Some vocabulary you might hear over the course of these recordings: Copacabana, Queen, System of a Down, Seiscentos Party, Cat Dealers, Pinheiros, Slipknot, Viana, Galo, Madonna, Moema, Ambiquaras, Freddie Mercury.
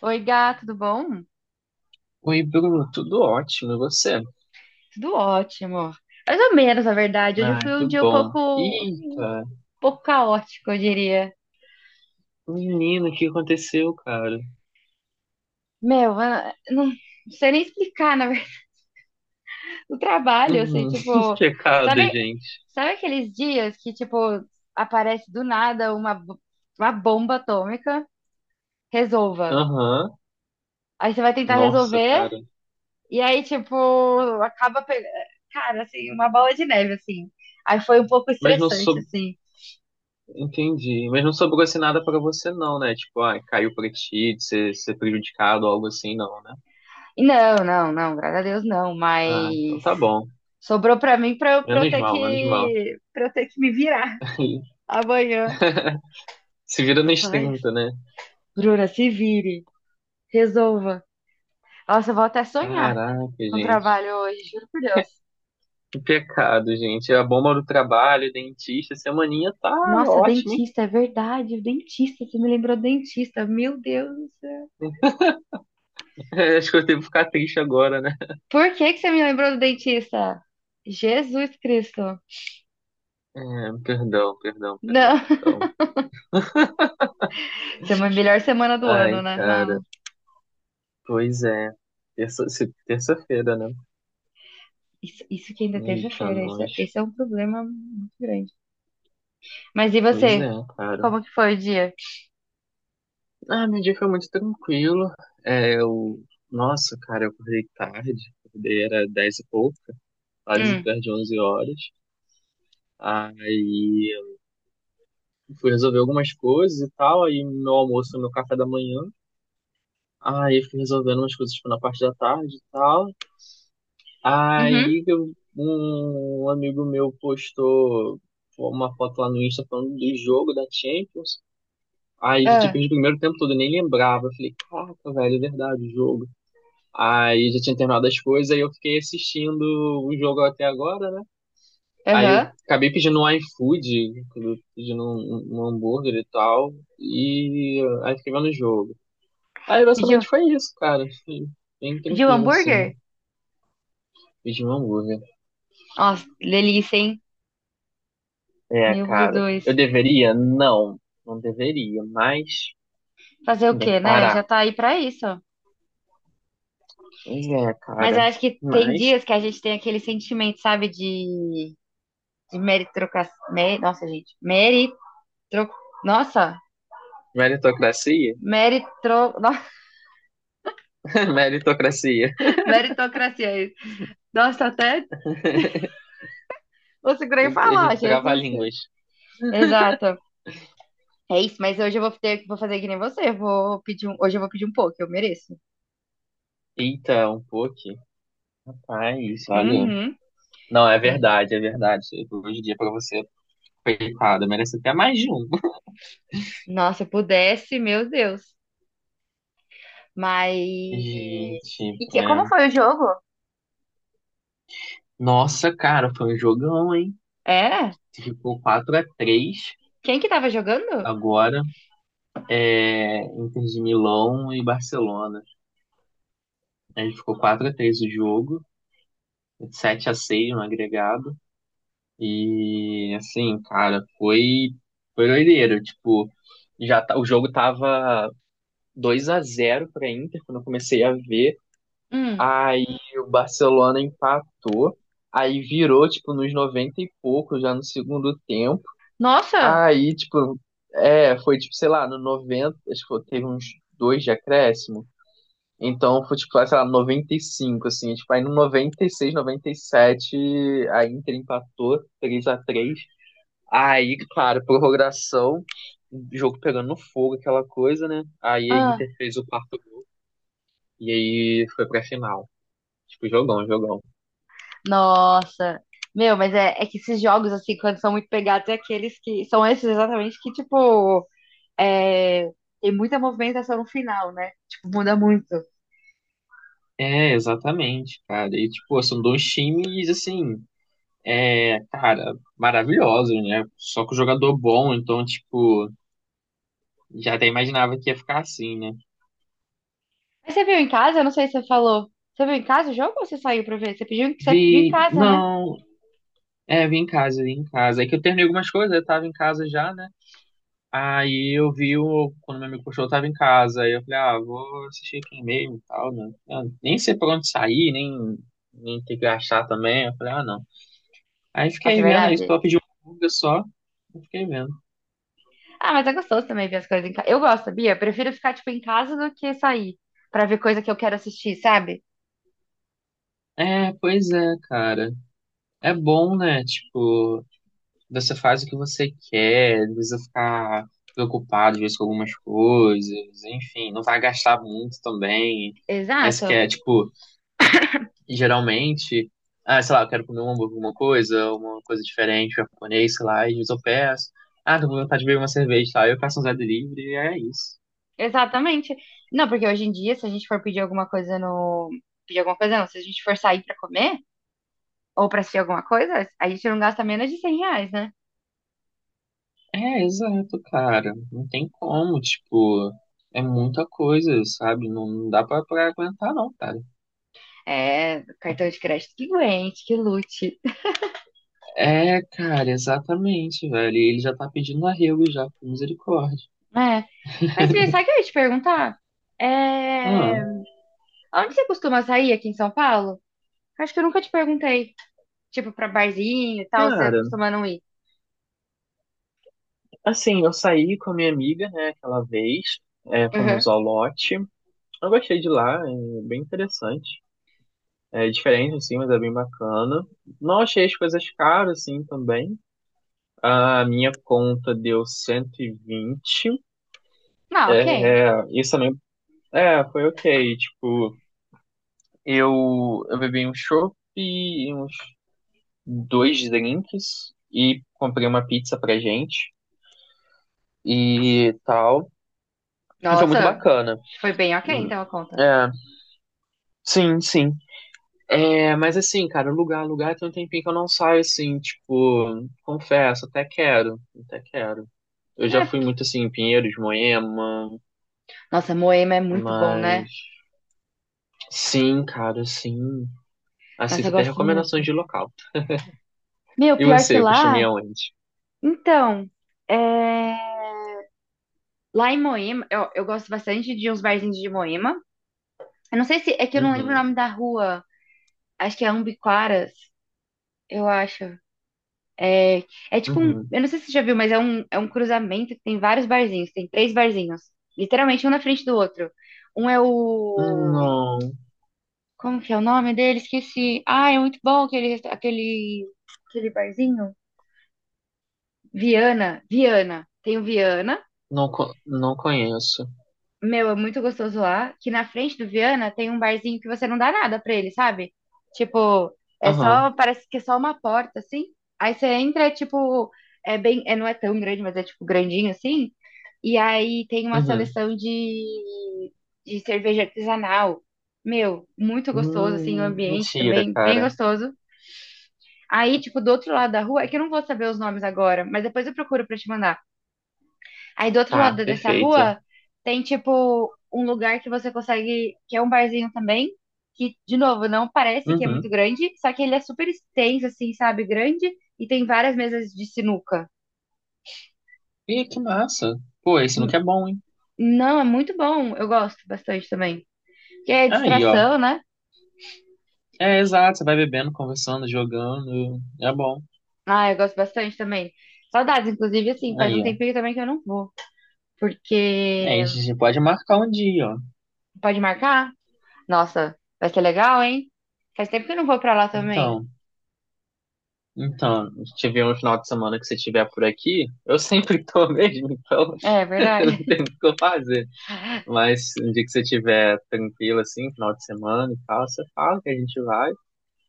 Oi, gato, tudo bom? Oi, Bruno, tudo ótimo, e você? Tudo ótimo. Mais ou menos, na verdade. Hoje Ah, foi que um dia bom. Um Eita, pouco caótico, eu diria. menino, o que aconteceu, cara? Meu, eu não não sei nem explicar, na verdade, o trabalho, eu sei, Hum. tipo, Pecado, sabe, gente. sabe aqueles dias que, tipo, aparece do nada uma, uma bomba atômica? Resolva. Aham. Aí você vai tentar Nossa, resolver, cara. e aí, tipo, acaba pegando, cara, assim, uma bola de neve, assim. Aí foi um pouco Mas não estressante, sob... assim. Entendi. Mas não sobrou assim nada pra você, não, né? Tipo, ah, caiu pra ti, de ser prejudicado, algo assim, não, né? Não, não, não, graças a Deus não, Ah, então mas tá bom. sobrou pra mim pra eu Menos ter mal, menos mal. que, pra eu ter que me virar amanhã. Se vira nos Ai, 30, né? Bruna, se vire, resolva. Nossa, eu vou até sonhar Caraca, com o gente. trabalho hoje, juro por Deus. Que pecado, gente. É a bomba do trabalho, dentista, semaninha tá Nossa, ótima. dentista, é verdade, o dentista, você me lembrou do dentista, meu Deus do céu. É, acho que eu devo ficar triste agora, né? Por que que você me lembrou do dentista? Jesus Cristo. É, perdão, perdão, perdão, Não, perdão. essa é a melhor semana do Ai, ano, né? cara, Fala. pois é. Terça, se- Terça-feira, né? Isso que ainda é Eita, terça-feira, isso, é, nós. esse é um problema muito grande. Mas e Pois você? é, cara. Como que foi o dia? Ah, meu dia foi muito tranquilo. É, eu... Nossa, cara, eu acordei tarde. Acordei era 10 e pouco, quase Hum, perto de 11 horas. Aí eu fui resolver algumas coisas e tal. Aí meu almoço, meu café da manhã. Aí fui resolvendo umas coisas, tipo, na parte da tarde e tal. uhum, Aí eu- um um amigo meu postou uma foto lá no Insta falando do jogo da Champions. Aí já tinha ah, perdido o primeiro tempo todo, eu nem lembrava. Eu falei, caraca, velho, é verdade, o jogo. Aí já tinha terminado as coisas, aí eu fiquei assistindo o jogo até agora, né? Aí eu aham. acabei pedindo um iFood, pedindo um hambúrguer e tal, e aí fiquei vendo o jogo. Aí Pediu, basicamente foi isso, cara. Foi bem pediu tranquilo, assim. hambúrguer? Pedi um hambúrguer. Nossa, delícia, hein? É, Meu cara. Eu Jesus. deveria? Não, não deveria, mas Fazer o tem quê, que né? parar. Já tá aí pra isso. Pois é, Mas eu cara. acho que tem Mas, dias que a gente tem aquele sentimento, sabe, de meritocracia. Nossa, gente. Meritro, nossa, meritocracia? meritro, nossa, Meritocracia. meritocracia. É isso. Nossa, até eu A segurei falar, gente trava Jesus. línguas. Exato. É isso, mas hoje eu vou ter, vou fazer que nem você. Vou pedir um, hoje eu vou pedir um pouco, eu mereço. Eita, um pouco. Mas, olha. Uhum. Não, é Hoje- verdade, é verdade. Hoje em dia, pra você, coitado, merece até mais de um. nossa, se eu pudesse, meu Deus. Mas. Gente, E que, é. como foi o jogo? Nossa, cara, foi um jogão, hein? É? Ficou 4-3 Quem que tava jogando? agora. É, Inter de Milão e Barcelona. A gente ficou 4-3 o jogo, 7-6 no agregado. E assim, cara, foi doideiro, tipo, o jogo tava 2-0 pra Inter quando eu comecei a ver. Hum. Aí o Barcelona empatou, aí virou tipo nos 90 e pouco já no segundo tempo. Nossa! Aí, tipo, é, foi tipo, sei lá, no 90 acho que teve uns dois de acréscimo. Então foi tipo, sei lá, 95 assim. Tipo, aí no noventa 96 97 a Inter empatou 3-3. Aí, claro, prorrogação, o jogo pegando no fogo, aquela coisa, né? Aí a Ah, Inter fez o quarto gol. E aí foi pra final. Tipo, jogão, jogão. nossa! Meu, mas é, é que esses jogos, assim, quando são muito pegados, é aqueles que. São esses exatamente que, tipo. É, tem muita movimentação no final, né? Tipo, muda muito. É, exatamente, cara. E, tipo, são dois times, assim, é, cara, maravilhosos, né? Só que o jogador bom, então, tipo, já até imaginava que ia ficar assim, né? Mas você viu em casa? Eu não sei se você falou. Você viu em casa o jogo ou você saiu pra ver? Você pediu, você viu em Vi, casa, né? não, é, eu vim em casa, vim em casa. É que eu terminei algumas coisas, eu tava em casa já, né? Aí eu vi o, quando meu amigo postou, eu tava em casa. Aí eu falei, ah, vou assistir aqui mesmo e tal, né? Eu nem sei pra onde sair, nem ter que achar também. Eu falei, ah, não. Aí Nossa, é fiquei vendo isso, verdade. pra pedi uma música só. Eu fiquei vendo. Ah, mas é gostoso também ver as coisas em casa. Eu gosto, sabia? Eu prefiro ficar, tipo, em casa do que sair pra ver coisa que eu quero assistir, sabe? É, pois é, cara. É bom, né? Tipo, você faz o que você quer, não precisa ficar preocupado, às vezes, com algumas coisas. Enfim, não vai gastar muito também. Essa que Exato. é, tipo. Geralmente, ah, sei lá, eu quero comer um hambúrguer, alguma coisa, uma coisa diferente, japonês, sei lá, e às vezes eu peço. Ah, tô com vontade de beber uma cerveja, tá? Eu peço um Zé Delivery e é isso. Exatamente. Não, porque hoje em dia, se a gente for pedir alguma coisa no... Pedir alguma coisa, não. Se a gente for sair pra comer ou pra assistir alguma coisa, a gente não gasta menos de 100 reais, né? É, exato, cara. Não tem como, tipo, é muita coisa, sabe? Não, não dá pra aguentar, não, cara. É, cartão de crédito que aguente, que lute. É, cara, exatamente, velho. E ele já tá pedindo arrego já, por misericórdia. É. Mas, Bia, sabe o que eu ia te perguntar? É... Ah, Onde você costuma sair aqui em São Paulo? Acho que eu nunca te perguntei. Tipo, pra barzinho e tal, você cara, costuma não ir? assim, eu saí com a minha amiga, né, aquela vez, é, Uhum. fomos ao lote. Eu gostei de lá, é bem interessante. É diferente, assim, mas é bem bacana. Não achei as coisas caras, assim, também. A minha conta deu 120. Não, É, ok. é, isso também, é, foi ok. Tipo, eu bebi um chopp e uns dois drinks e comprei uma pizza pra gente e tal. E foi muito Nossa, bacana. foi bem ok, Hum. então a conta. É, sim, sim. É, mas assim, cara, lugar tem um tempinho que eu não saio assim, tipo, confesso, até quero, até quero. Eu já fui É. muito assim em Pinheiros, Moema, Nossa, Moema é muito bom, né? mas sim, cara, sim. Nossa, Aceito eu até gosto muito. recomendações de local. Meu, E pior que você, costuma ir lá. aonde? Então, é... lá em Moema, eu gosto bastante de uns barzinhos de Moema. Eu não sei se. É que eu não lembro o Uhum, nome da rua. Acho que é Ambiquaras, eu acho. É, é tipo um, uhum. eu não sei se você já viu, mas é um cruzamento que tem vários barzinhos, tem três barzinhos, literalmente um na frente do outro. Um é o, Não, como que é o nome dele? Esqueci. Ah, é muito bom aquele, aquele, aquele barzinho. Viana, Viana. Tem o Viana. não, não conheço. Meu, é muito gostoso lá. Que na frente do Viana tem um barzinho que você não dá nada pra ele, sabe? Tipo, é só, Aham, parece que é só uma porta, assim. Aí você entra, é tipo, é bem, é, não é tão grande, mas é tipo grandinho, assim. E aí tem uma uhum. seleção de cerveja artesanal. Meu, muito gostoso, assim, o ambiente Mentira, também, bem cara. gostoso. Aí, tipo, do outro lado da rua, é que eu não vou saber os nomes agora, mas depois eu procuro pra te mandar. Aí do outro Tá, lado dessa perfeito. rua tem, tipo, um lugar que você consegue, que é um barzinho também, que, de novo, não parece que é muito Uhum. grande, só que ele é super extenso, assim, sabe, grande, e tem várias mesas de sinuca. Ih, que massa. Pô, esse look N- é bom, hein? Não, é muito bom, eu gosto bastante também. Porque é Aí, ó. distração, né? É, exato, você vai bebendo, conversando, jogando, é bom. Ah, eu gosto bastante também. Saudades, inclusive, assim, faz um Aí, ó. tempinho também que eu não vou. Porque Aí a gente pode marcar um dia, ó. pode marcar? Nossa, vai ser legal, hein? Faz tempo que eu não vou pra lá também. Então, então, se tiver um final de semana que você estiver por aqui, eu sempre tô mesmo, então É, não verdade. tem muito o que eu fazer. Mas um dia que você estiver tranquilo, assim, final de semana e tal, você fala que a gente vai,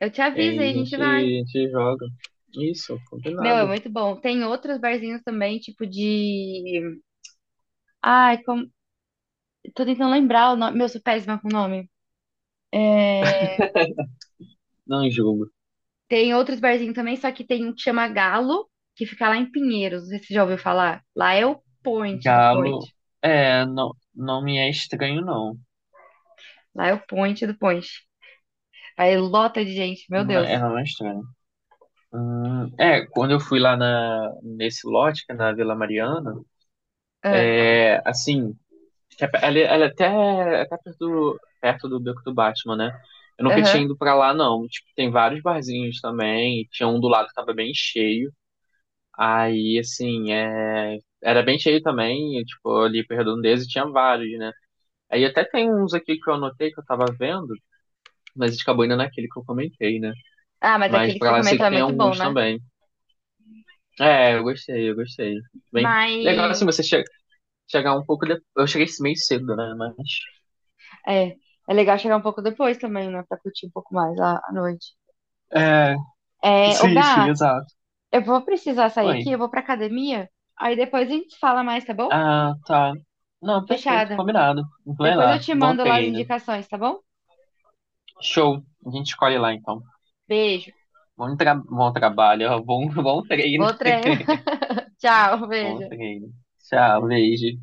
Eu te e aviso aí aí, a a gente gente, vai. a gente joga. Isso, Meu, é combinado. muito bom. Tem outros barzinhos também, tipo de. Ai, como... tô tentando lembrar o nome. Meu, eu sou péssima com o nome. É... Não julgo. Tem outros barzinhos também, só que tem um que chama Galo, que fica lá em Pinheiros. Não sei se você já ouviu falar. Lá é o point do point. Galo, é, não, não me é estranho, não. Lá é o point do point. Aí lota de gente, meu Não, Deus. é, não é estranho. É, quando eu fui lá na, nesse lote, que é na Vila Mariana, Ah, é, assim, que é ela é até, perto do Beco do Batman, né? Eu nunca tinha aham. ido pra lá, não. Tipo, tem vários barzinhos também, tinha um do lado que tava bem cheio. Aí, assim, é, era bem cheio também, e, tipo, ali pra Redondeza tinha vários, né? Aí até tem uns aqui que eu anotei, que eu tava vendo, mas a gente acabou indo naquele que eu comentei, né? Ah, mas Mas aquele que pra você lá eu sei comentou que é tem muito bom, alguns né? também. É, eu gostei, eu gostei. Bem, legal assim Mas você chegar um pouco depois. Eu cheguei meio cedo, né? Mas. é, é legal chegar um pouco depois também, né? Pra curtir um pouco mais a, à noite. É, É, ô sim, sim, Gá, exato. eu vou precisar sair aqui, Oi. eu vou pra academia. Aí depois a gente fala mais, tá bom? Ah, tá. Não, perfeito, Fechada. combinado. Vai Depois lá, eu te bom mando lá as treino. indicações, tá bom? Show. A gente escolhe lá então. Beijo. Bom, tra bom trabalho, ó, bom, bom treino. Vou treinar. Tchau, Bom beijo. treino. Tchau, beijo.